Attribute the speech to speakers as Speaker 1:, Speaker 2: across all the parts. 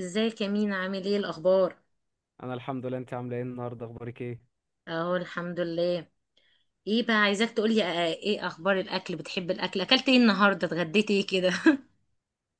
Speaker 1: ازيك يا مينا؟ عامل ايه؟ الاخبار؟
Speaker 2: انا الحمد لله. انت عامله ايه النهارده؟ اخبارك ايه؟
Speaker 1: اهو الحمد لله. ايه بقى، عايزاك تقولي ايه اخبار الاكل؟ بتحب الاكل؟ اكلت ايه النهارده؟ اتغديت ايه كده؟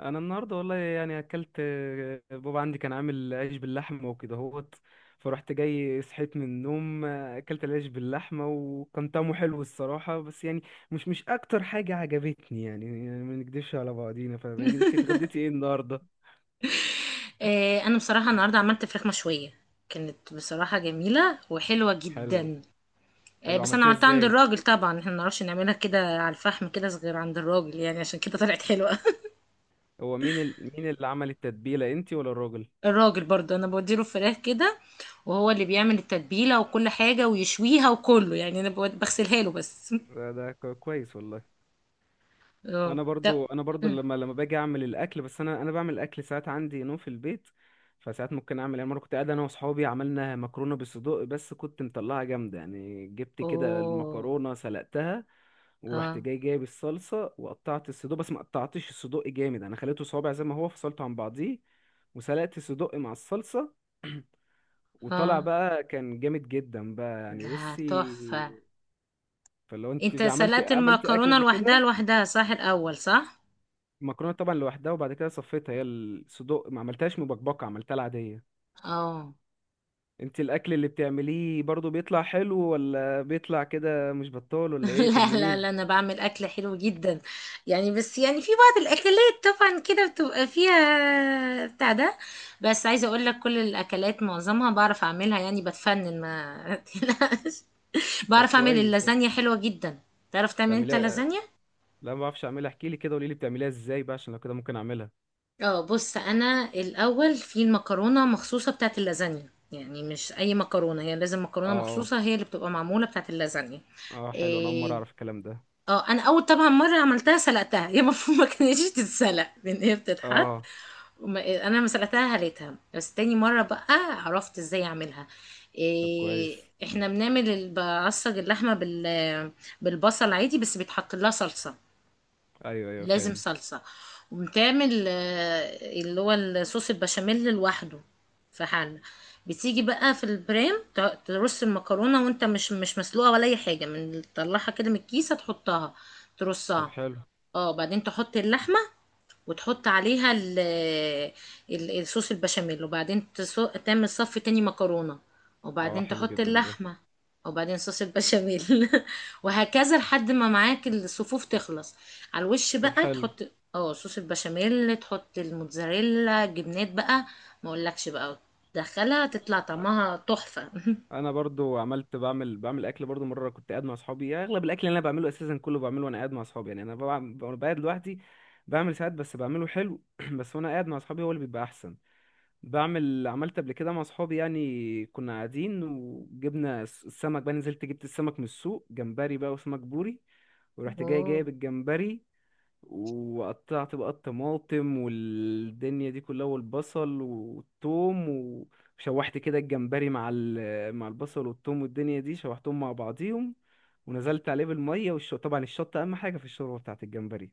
Speaker 2: انا النهارده والله يعني اكلت، بابا عندي كان عامل عيش باللحمه وكده هوت. فرحت جاي صحيت من النوم، اكلت العيش باللحمه وكان طعمه حلو الصراحه، بس يعني مش اكتر حاجه عجبتني يعني. ما نكدبش على بعضينا. فاهماني؟ انت اتغديتي ايه النهارده؟
Speaker 1: آه، انا بصراحه النهارده عملت فراخ مشويه، كانت بصراحه جميله وحلوه
Speaker 2: حلو.
Speaker 1: جدا. آه،
Speaker 2: حلو،
Speaker 1: بس انا
Speaker 2: عملتيها
Speaker 1: عملتها عند
Speaker 2: ازاي؟
Speaker 1: الراجل. طبعا احنا ما نعرفش نعملها كده على الفحم كده غير عند الراجل، يعني عشان كده طلعت حلوه.
Speaker 2: هو مين اللي عمل التتبيله، انت ولا الراجل؟
Speaker 1: الراجل برضه، انا بوديله الفراخ كده وهو اللي بيعمل التتبيله وكل حاجه ويشويها وكله، يعني انا بغسلها له بس.
Speaker 2: ده كويس والله.
Speaker 1: اه،
Speaker 2: انا
Speaker 1: ده.
Speaker 2: برضو انا برضو لما باجي اعمل الاكل، بس انا بعمل الاكل ساعات عندي نوم في البيت. فساعات ممكن اعمل، يعني مره كنت قاعد انا واصحابي عملنا مكرونه بالصدق بس كنت مطلعها جامده. يعني جبت كده
Speaker 1: اوه.
Speaker 2: المكرونه سلقتها، ورحت
Speaker 1: اه.
Speaker 2: جاي جايب الصلصه وقطعت الصدق، بس ما قطعتش الصدق جامد، انا خليته صوابع زي ما هو فصلته عن بعضيه. وسلقت الصدق مع الصلصه. وطلع
Speaker 1: اه،
Speaker 2: بقى كان جامد جدا بقى يعني.
Speaker 1: لا،
Speaker 2: بصي،
Speaker 1: تحفة.
Speaker 2: فلو
Speaker 1: انت
Speaker 2: انت عملتي
Speaker 1: سلقت
Speaker 2: عملتي اكل
Speaker 1: المكرونة
Speaker 2: قبل
Speaker 1: لوحدها
Speaker 2: كده؟
Speaker 1: لوحدها، صح؟ الاول، صح؟
Speaker 2: المكرونه طبعا لوحدها، وبعد كده صفيتها. هي الصدوق ما عملتهاش مبكبكه، عملتها العاديه.
Speaker 1: اه.
Speaker 2: انت الاكل اللي بتعمليه برضو بيطلع حلو ولا بيطلع كده مش بطال ولا ايه؟
Speaker 1: لا لا
Speaker 2: طمنيني.
Speaker 1: لا، انا بعمل اكل حلو جدا. يعني بس، يعني في بعض الاكلات طبعا كده بتبقى فيها بتاع ده. بس عايزه اقول لك، كل الاكلات معظمها بعرف اعملها، يعني بتفنن، ما تقلقش.
Speaker 2: طب
Speaker 1: بعرف اعمل
Speaker 2: كويس.
Speaker 1: اللازانيا حلوه جدا. تعرف تعمل انت
Speaker 2: بتعمليها؟
Speaker 1: لازانيا؟
Speaker 2: لا، ما بعرفش اعملها. احكي لي كده، قولي لي بتعمليها ازاي بقى عشان لو كده ممكن اعملها.
Speaker 1: اه، بص، انا الاول في المكرونه مخصوصه بتاعت اللازانيا، يعني مش اي مكرونه، هي لازم مكرونه
Speaker 2: اه.
Speaker 1: مخصوصه هي اللي بتبقى معموله بتاعت اللازانيا.
Speaker 2: اه، حلو، انا اول مره
Speaker 1: إيه،
Speaker 2: اعرف الكلام ده.
Speaker 1: اه انا اول طبعا مره عملتها سلقتها، هي المفروض ما كانتش تتسلق، لان هي بتتحط.
Speaker 2: اه.
Speaker 1: انا ما سلقتها هليتها بس. تاني مره بقى عرفت ازاي اعملها.
Speaker 2: طب
Speaker 1: إيه،
Speaker 2: كويس.
Speaker 1: احنا بنعمل بعصج اللحمه بالبصل عادي، بس بيتحط لها صلصه.
Speaker 2: ايوه، ايوه،
Speaker 1: لازم
Speaker 2: فاهم.
Speaker 1: صلصة. وبتعمل اللي هو الصوص البشاميل لوحده في حلة. بتيجي بقى في البريم ترص المكرونة وانت مش مسلوقة ولا اي حاجة، من تطلعها كده من الكيسة تحطها
Speaker 2: طب
Speaker 1: ترصها.
Speaker 2: حلو.
Speaker 1: اه، بعدين تحط اللحمة وتحط عليها ال الصوص البشاميل، وبعدين تعمل صف تاني مكرونة
Speaker 2: اه،
Speaker 1: وبعدين
Speaker 2: حلو
Speaker 1: تحط
Speaker 2: جدا ده.
Speaker 1: اللحمة وبعدين صوص البشاميل. وهكذا لحد ما معاك الصفوف تخلص. على الوش
Speaker 2: طب
Speaker 1: بقى
Speaker 2: حلو.
Speaker 1: تحط صوص البشاميل، تحط الموتزاريلا جبنات بقى، ما اقولكش بقى، تدخلها تطلع طعمها تحفة.
Speaker 2: انا برضو عملت، بعمل اكل برضو. مره كنت قاعد مع اصحابي، يعني اغلب الاكل اللي انا بعمله اساسا كله بعمله وانا قاعد مع اصحابي. يعني انا بقعد لوحدي، بعمل ساعات، بس بعمله حلو. بس وانا قاعد مع اصحابي هو اللي بيبقى احسن. بعمل، عملت قبل كده مع اصحابي. يعني كنا قاعدين وجبنا السمك بقى، نزلت جبت السمك من السوق، جمبري بقى وسمك بوري. ورحت جاي
Speaker 1: مم.
Speaker 2: جايب الجمبري، وقطعت بقى الطماطم والدنيا دي كلها والبصل والثوم. وشوحت كده الجمبري مع البصل والثوم والدنيا دي، شوحتهم مع بعضيهم. ونزلت عليه بالميه طبعا الشطه اهم حاجه في الشوربه بتاعت الجمبري.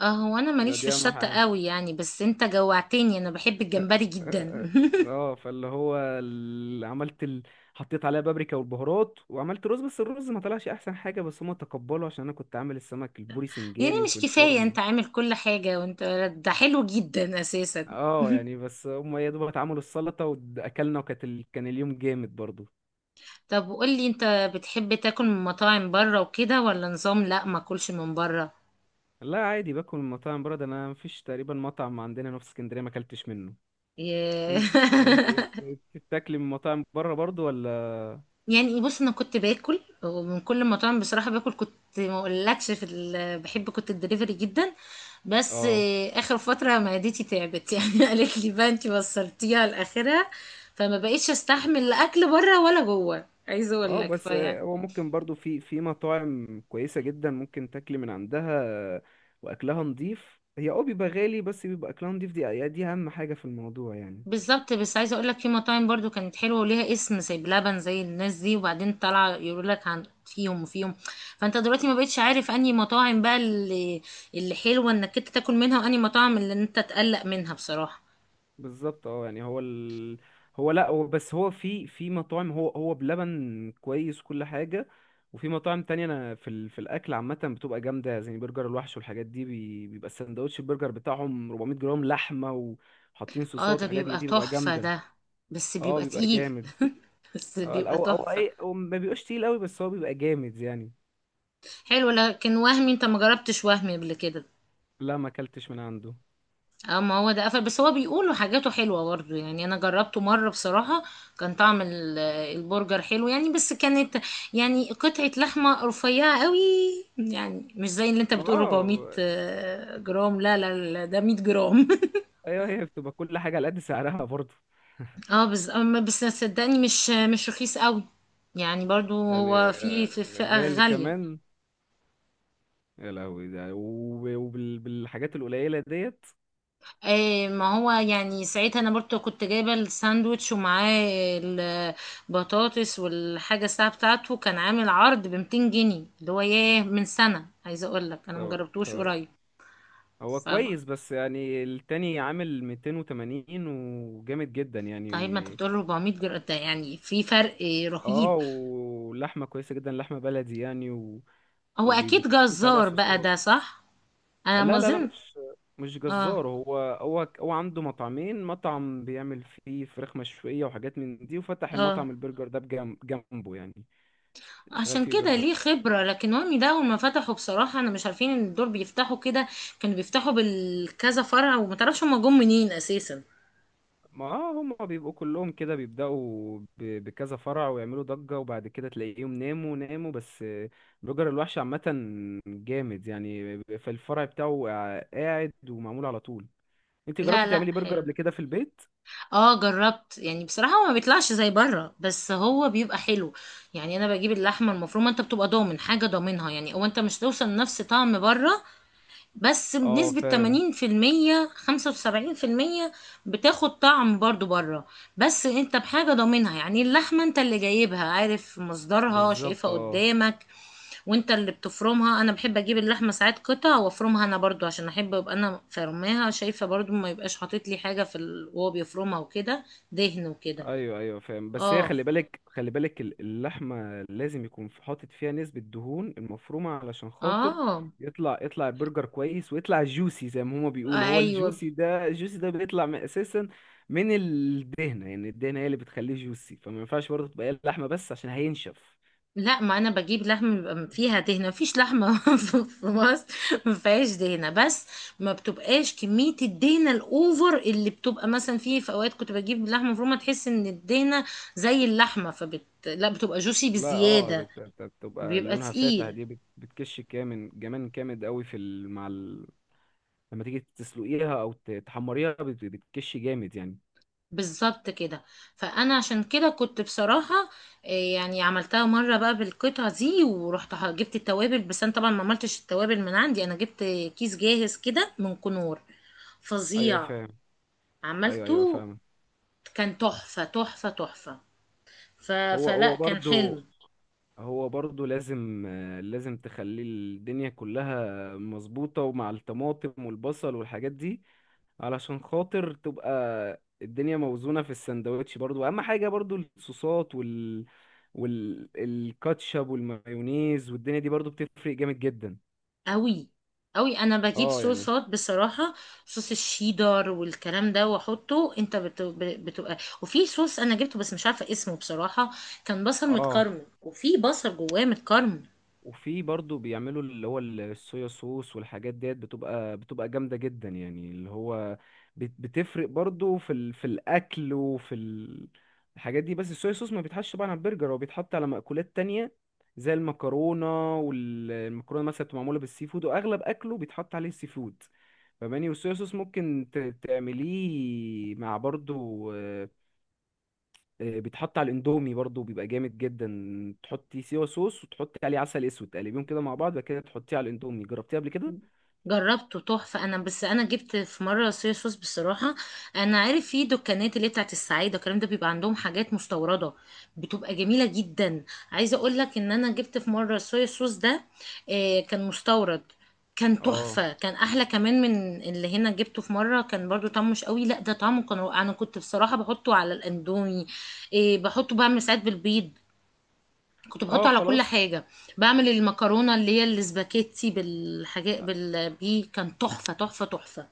Speaker 1: اه، هو انا ماليش في
Speaker 2: دي اهم
Speaker 1: الشطة
Speaker 2: حاجه.
Speaker 1: قوي يعني، بس انت جوعتني، انا بحب الجمبري جدا.
Speaker 2: اه، فاللي هو عملت حطيت عليها بابريكا والبهارات وعملت رز، بس الرز ما طلعش احسن حاجه. بس هما تقبلوا عشان انا كنت عامل السمك البوري
Speaker 1: يعني
Speaker 2: سنجاري
Speaker 1: مش
Speaker 2: وفي
Speaker 1: كفاية انت
Speaker 2: الفرن.
Speaker 1: عامل كل حاجة وانت، ده حلو جدا اساسا.
Speaker 2: اه يعني، بس هم يا دوب اتعملوا السلطة واكلنا، وكانت كان اليوم جامد برضو.
Speaker 1: طب وقولي، انت بتحب تاكل من مطاعم بره وكده ولا نظام لا ما اكلش من بره؟
Speaker 2: لا، عادي باكل من مطاعم بره. ده انا مفيش تقريبا مطعم عندنا هنا في اسكندرية ما اكلتش منه.
Speaker 1: ي-
Speaker 2: انت انت بتاكلي من مطاعم بره برضو، ولا؟
Speaker 1: يعني بص، انا كنت باكل ومن كل المطاعم بصراحة، باكل كنت، ما اقولكش، في بحب كنت الدليفري جدا. بس
Speaker 2: اه،
Speaker 1: اخر فترة معدتي تعبت. يعني قالت لي بقى انت وصلتيها لاخرها، فما بقيتش استحمل لا اكل بره ولا جوه، عايزة اقول
Speaker 2: اه،
Speaker 1: لك
Speaker 2: بس
Speaker 1: فيعني.
Speaker 2: هو ممكن برضو في مطاعم كويسة جدا ممكن تاكلي من عندها. واكلها نضيف. هي بيبقى غالي، بس بيبقى اكلها نضيف. دي اهم حاجة في الموضوع يعني.
Speaker 1: بالظبط. بس عايزه اقول لك، في مطاعم برضو كانت حلوه وليها اسم زي بلبن، زي الناس دي، وبعدين طالعه يقولوا لك عن فيهم وفيهم. فانت دلوقتي ما بقتش عارف انهي مطاعم بقى اللي حلوه انك انت تاكل منها، وانهي مطاعم اللي انت تقلق منها بصراحه.
Speaker 2: بالظبط. اه يعني، هو هو، لا، هو بس هو في مطاعم، هو بلبن كويس كل حاجة. وفي مطاعم تانية، انا في الاكل عامة بتبقى جامدة زي برجر الوحش والحاجات دي. بيبقى السندوتش البرجر بتاعهم 400 جرام لحمة، وحاطين
Speaker 1: اه
Speaker 2: صوصات
Speaker 1: ده
Speaker 2: وحاجات من
Speaker 1: بيبقى
Speaker 2: دي، بيبقى
Speaker 1: تحفه
Speaker 2: جامدة.
Speaker 1: ده، بس
Speaker 2: اه،
Speaker 1: بيبقى
Speaker 2: بيبقى
Speaker 1: تقيل.
Speaker 2: جامد.
Speaker 1: بس
Speaker 2: اه،
Speaker 1: بيبقى
Speaker 2: او
Speaker 1: تحفه.
Speaker 2: اي، هو ما بيبقاش تقيل قوي بس هو بيبقى جامد يعني.
Speaker 1: حلو. لكن وهمي، انت ما جربتش وهمي قبل كده؟
Speaker 2: لا، ما اكلتش من عنده.
Speaker 1: اه، ما هو ده قفل، بس هو بيقولوا حاجاته حلوة برضو يعني، انا جربته مرة بصراحة. كان طعم البرجر حلو يعني، بس كانت يعني قطعة لحمة رفيعة قوي، يعني مش زي اللي انت
Speaker 2: ما
Speaker 1: بتقول 400
Speaker 2: اه.
Speaker 1: جرام. لا لا لا، ده 100 جرام.
Speaker 2: ايوه، هي بتبقى كل حاجة على قد سعرها برضه.
Speaker 1: اه بس، بس صدقني، مش رخيص قوي. يعني برضو،
Speaker 2: يعني
Speaker 1: هو في في فئة
Speaker 2: غالي
Speaker 1: غالية.
Speaker 2: كمان. يا لهوي ده، وبالحاجات القليلة ديت.
Speaker 1: ايه ما هو يعني، ساعتها انا برضو كنت جايبه الساندوتش ومعاه البطاطس، والحاجه الساعه بتاعته كان عامل عرض ب 200 جنيه اللي هو، ياه من سنه، عايزه اقول لك انا ما
Speaker 2: طبعا،
Speaker 1: جربتوش
Speaker 2: طبعا.
Speaker 1: قريب.
Speaker 2: هو
Speaker 1: فبقى،
Speaker 2: كويس، بس يعني التاني عامل 280 وجامد جدا
Speaker 1: طيب، ما انت
Speaker 2: يعني.
Speaker 1: بتقول 400 جرام ده يعني في فرق رهيب.
Speaker 2: اه، ولحمة كويسة جدا لحمة بلدي يعني
Speaker 1: هو
Speaker 2: وبيبقى
Speaker 1: اكيد
Speaker 2: محطوط عليها
Speaker 1: جزار بقى
Speaker 2: صوصات.
Speaker 1: ده، صح؟ انا ما
Speaker 2: لا، لا، لا،
Speaker 1: اظن.
Speaker 2: مش
Speaker 1: اه.
Speaker 2: جزار. هو عنده مطعمين، مطعم بيعمل فيه فراخ مشوية وحاجات من دي، وفتح
Speaker 1: اه،
Speaker 2: المطعم البرجر ده جنبه يعني. شغال
Speaker 1: عشان
Speaker 2: فيه
Speaker 1: كده
Speaker 2: برجر.
Speaker 1: ليه خبرة. لكن وهمي ده أول ما فتحوا بصراحة أنا مش عارفين إن دول بيفتحوا كده. كانوا بيفتحوا بالكذا فرع، وما تعرفش هما جم منين أساسا.
Speaker 2: ما هم بيبقوا كلهم كده بيبدأوا بكذا فرع ويعملوا ضجة، وبعد كده تلاقيهم ناموا ناموا بس، بلوجر الوحش عامة جامد يعني، في الفرع بتاعه قاعد ومعمول على طول. انت
Speaker 1: لا
Speaker 2: جربتي
Speaker 1: لا،
Speaker 2: تعملي برجر قبل
Speaker 1: حلو.
Speaker 2: كده في البيت؟
Speaker 1: اه، جربت يعني بصراحة. هو ما بيطلعش زي بره بس هو بيبقى حلو. يعني أنا بجيب اللحمة المفرومة، أنت بتبقى ضامن حاجة ضامنها، يعني أو أنت مش توصل نفس طعم بره، بس
Speaker 2: اه،
Speaker 1: بنسبة
Speaker 2: فاهم.
Speaker 1: 80% 75%، بتاخد طعم برضو بره. بس انت بحاجة ضامنها، يعني اللحمة انت اللي جايبها، عارف مصدرها،
Speaker 2: بالظبط.
Speaker 1: شايفها
Speaker 2: اه.
Speaker 1: قدامك. وانت اللي بتفرمها. انا بحب اجيب اللحمة ساعات قطع وافرمها انا برضو، عشان احب ابقى انا فرماها شايفة برضو، ما يبقاش حاطط لي حاجة وهو بيفرمها وكده، دهن وكده.
Speaker 2: ايوه، ايوه، فاهم. بس هي،
Speaker 1: اه.
Speaker 2: خلي بالك خلي بالك، اللحمه لازم يكون حاطط فيها نسبه دهون المفرومه علشان خاطر
Speaker 1: اه.
Speaker 2: يطلع البرجر كويس، ويطلع جوسي زي ما هما بيقولوا. هو
Speaker 1: ايوه.
Speaker 2: الجوسي ده، الجوسي ده بيطلع من اساسا من الدهنه. يعني الدهنه هي اللي بتخليه جوسي، فما ينفعش برضه تبقى هي اللحمه بس عشان هينشف.
Speaker 1: لا، ما انا بجيب لحم بيبقى فيها دهنه، مفيش لحمه في مصر ما فيهاش دهنه، بس ما بتبقاش كميه الدهنه الاوفر اللي بتبقى مثلا. فيه في اوقات كنت بجيب لحمه مفرومه تحس ان الدهنه زي اللحمه، فبت لا بتبقى جوسي
Speaker 2: لا، اه،
Speaker 1: بزياده.
Speaker 2: بتبقى
Speaker 1: بيبقى
Speaker 2: لونها فاتح.
Speaker 1: تقيل.
Speaker 2: دي بتكش كامل، جمان جامد قوي لما تيجي تسلقيها، او تحمريها، بتكش جامد يعني.
Speaker 1: بالظبط كده. فانا عشان كده كنت بصراحه، يعني عملتها مره بقى بالقطعه دي ورحت جبت التوابل، بس انا طبعا ما عملتش التوابل من عندي، انا جبت كيس جاهز كده من كنور.
Speaker 2: ايوه
Speaker 1: فظيع.
Speaker 2: فاهم. ايوه، ايوه،
Speaker 1: عملته،
Speaker 2: فاهمك.
Speaker 1: كان تحفة تحفة تحفة.
Speaker 2: هو
Speaker 1: فلا
Speaker 2: هو
Speaker 1: كان
Speaker 2: برضو،
Speaker 1: حلو.
Speaker 2: هو برضو لازم، لازم تخلي الدنيا كلها مظبوطة، ومع الطماطم والبصل والحاجات دي علشان خاطر تبقى الدنيا موزونة في السندوتش. برضو اهم حاجة برضو الصوصات، والكاتشب والمايونيز والدنيا دي، برضو بتفرق جامد جدا.
Speaker 1: قوي. قوي، انا بجيب
Speaker 2: اه يعني.
Speaker 1: صوصات بصراحة. صوص الشيدر والكلام ده واحطه، انت بتبقى. وفي صوص انا جبته بس مش عارفة اسمه بصراحة، كان بصل
Speaker 2: اه،
Speaker 1: متكرمل، وفي بصل جواه متكرمل.
Speaker 2: وفي برضو بيعملوا اللي هو الصويا صوص والحاجات ديت، بتبقى جامدة جدا يعني. اللي هو بتفرق برضو في الأكل الحاجات دي. بس الصويا صوص ما بيتحطش طبعا على البرجر، هو بيتحط على مأكولات تانية زي المكرونة. والمكرونة مثلا بتبقى معمولة بالسي فود، وأغلب أكله بيتحط عليه السي فود. فماني، والصويا صوص ممكن تعمليه مع برضو، بيتحط على الاندومي برضو، بيبقى جامد جدا. تحطي سيوا صوص وتحطي عليه عسل اسود، تقلبيهم كده مع بعض، بعد كده تحطيه على الاندومي. جربتيه قبل كده؟
Speaker 1: جربته تحفة انا. بس انا جبت في مرة صويا صوص بصراحة، انا عارف في دكانات اللي هي بتاعت السعيدة والكلام ده، بيبقى عندهم حاجات مستوردة، بتبقى جميلة جدا. عايزة اقول لك ان انا جبت في مرة صويا صوص ده، كان مستورد. كان
Speaker 2: اه.
Speaker 1: تحفة، كان احلى كمان من اللي هنا جبته في مرة كان برضو طعمه مش قوي، لا ده طعمه كان رائع. انا كنت بصراحة بحطه على الاندومي، بحطه، بعمل ساعات بالبيض، كنت بحطه
Speaker 2: اه،
Speaker 1: على كل
Speaker 2: خلاص.
Speaker 1: حاجة. بعمل المكرونة اللي هي الاسباجيتي بالحاجات دي كان تحفة تحفة تحفة.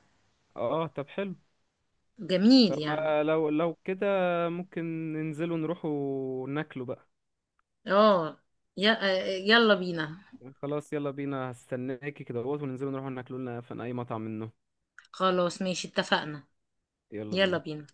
Speaker 2: اه، طب حلو.
Speaker 1: جميل
Speaker 2: طب،
Speaker 1: يعني.
Speaker 2: ما لو كده ممكن ننزلوا نروحوا ناكلوا بقى؟
Speaker 1: اه. ي... يلا بينا.
Speaker 2: خلاص، يلا بينا، هستناكي كده اهوت، وننزلوا نروحوا ناكلوا لنا في اي مطعم منه.
Speaker 1: خلاص ماشي اتفقنا.
Speaker 2: يلا
Speaker 1: يلا
Speaker 2: بينا.
Speaker 1: بينا.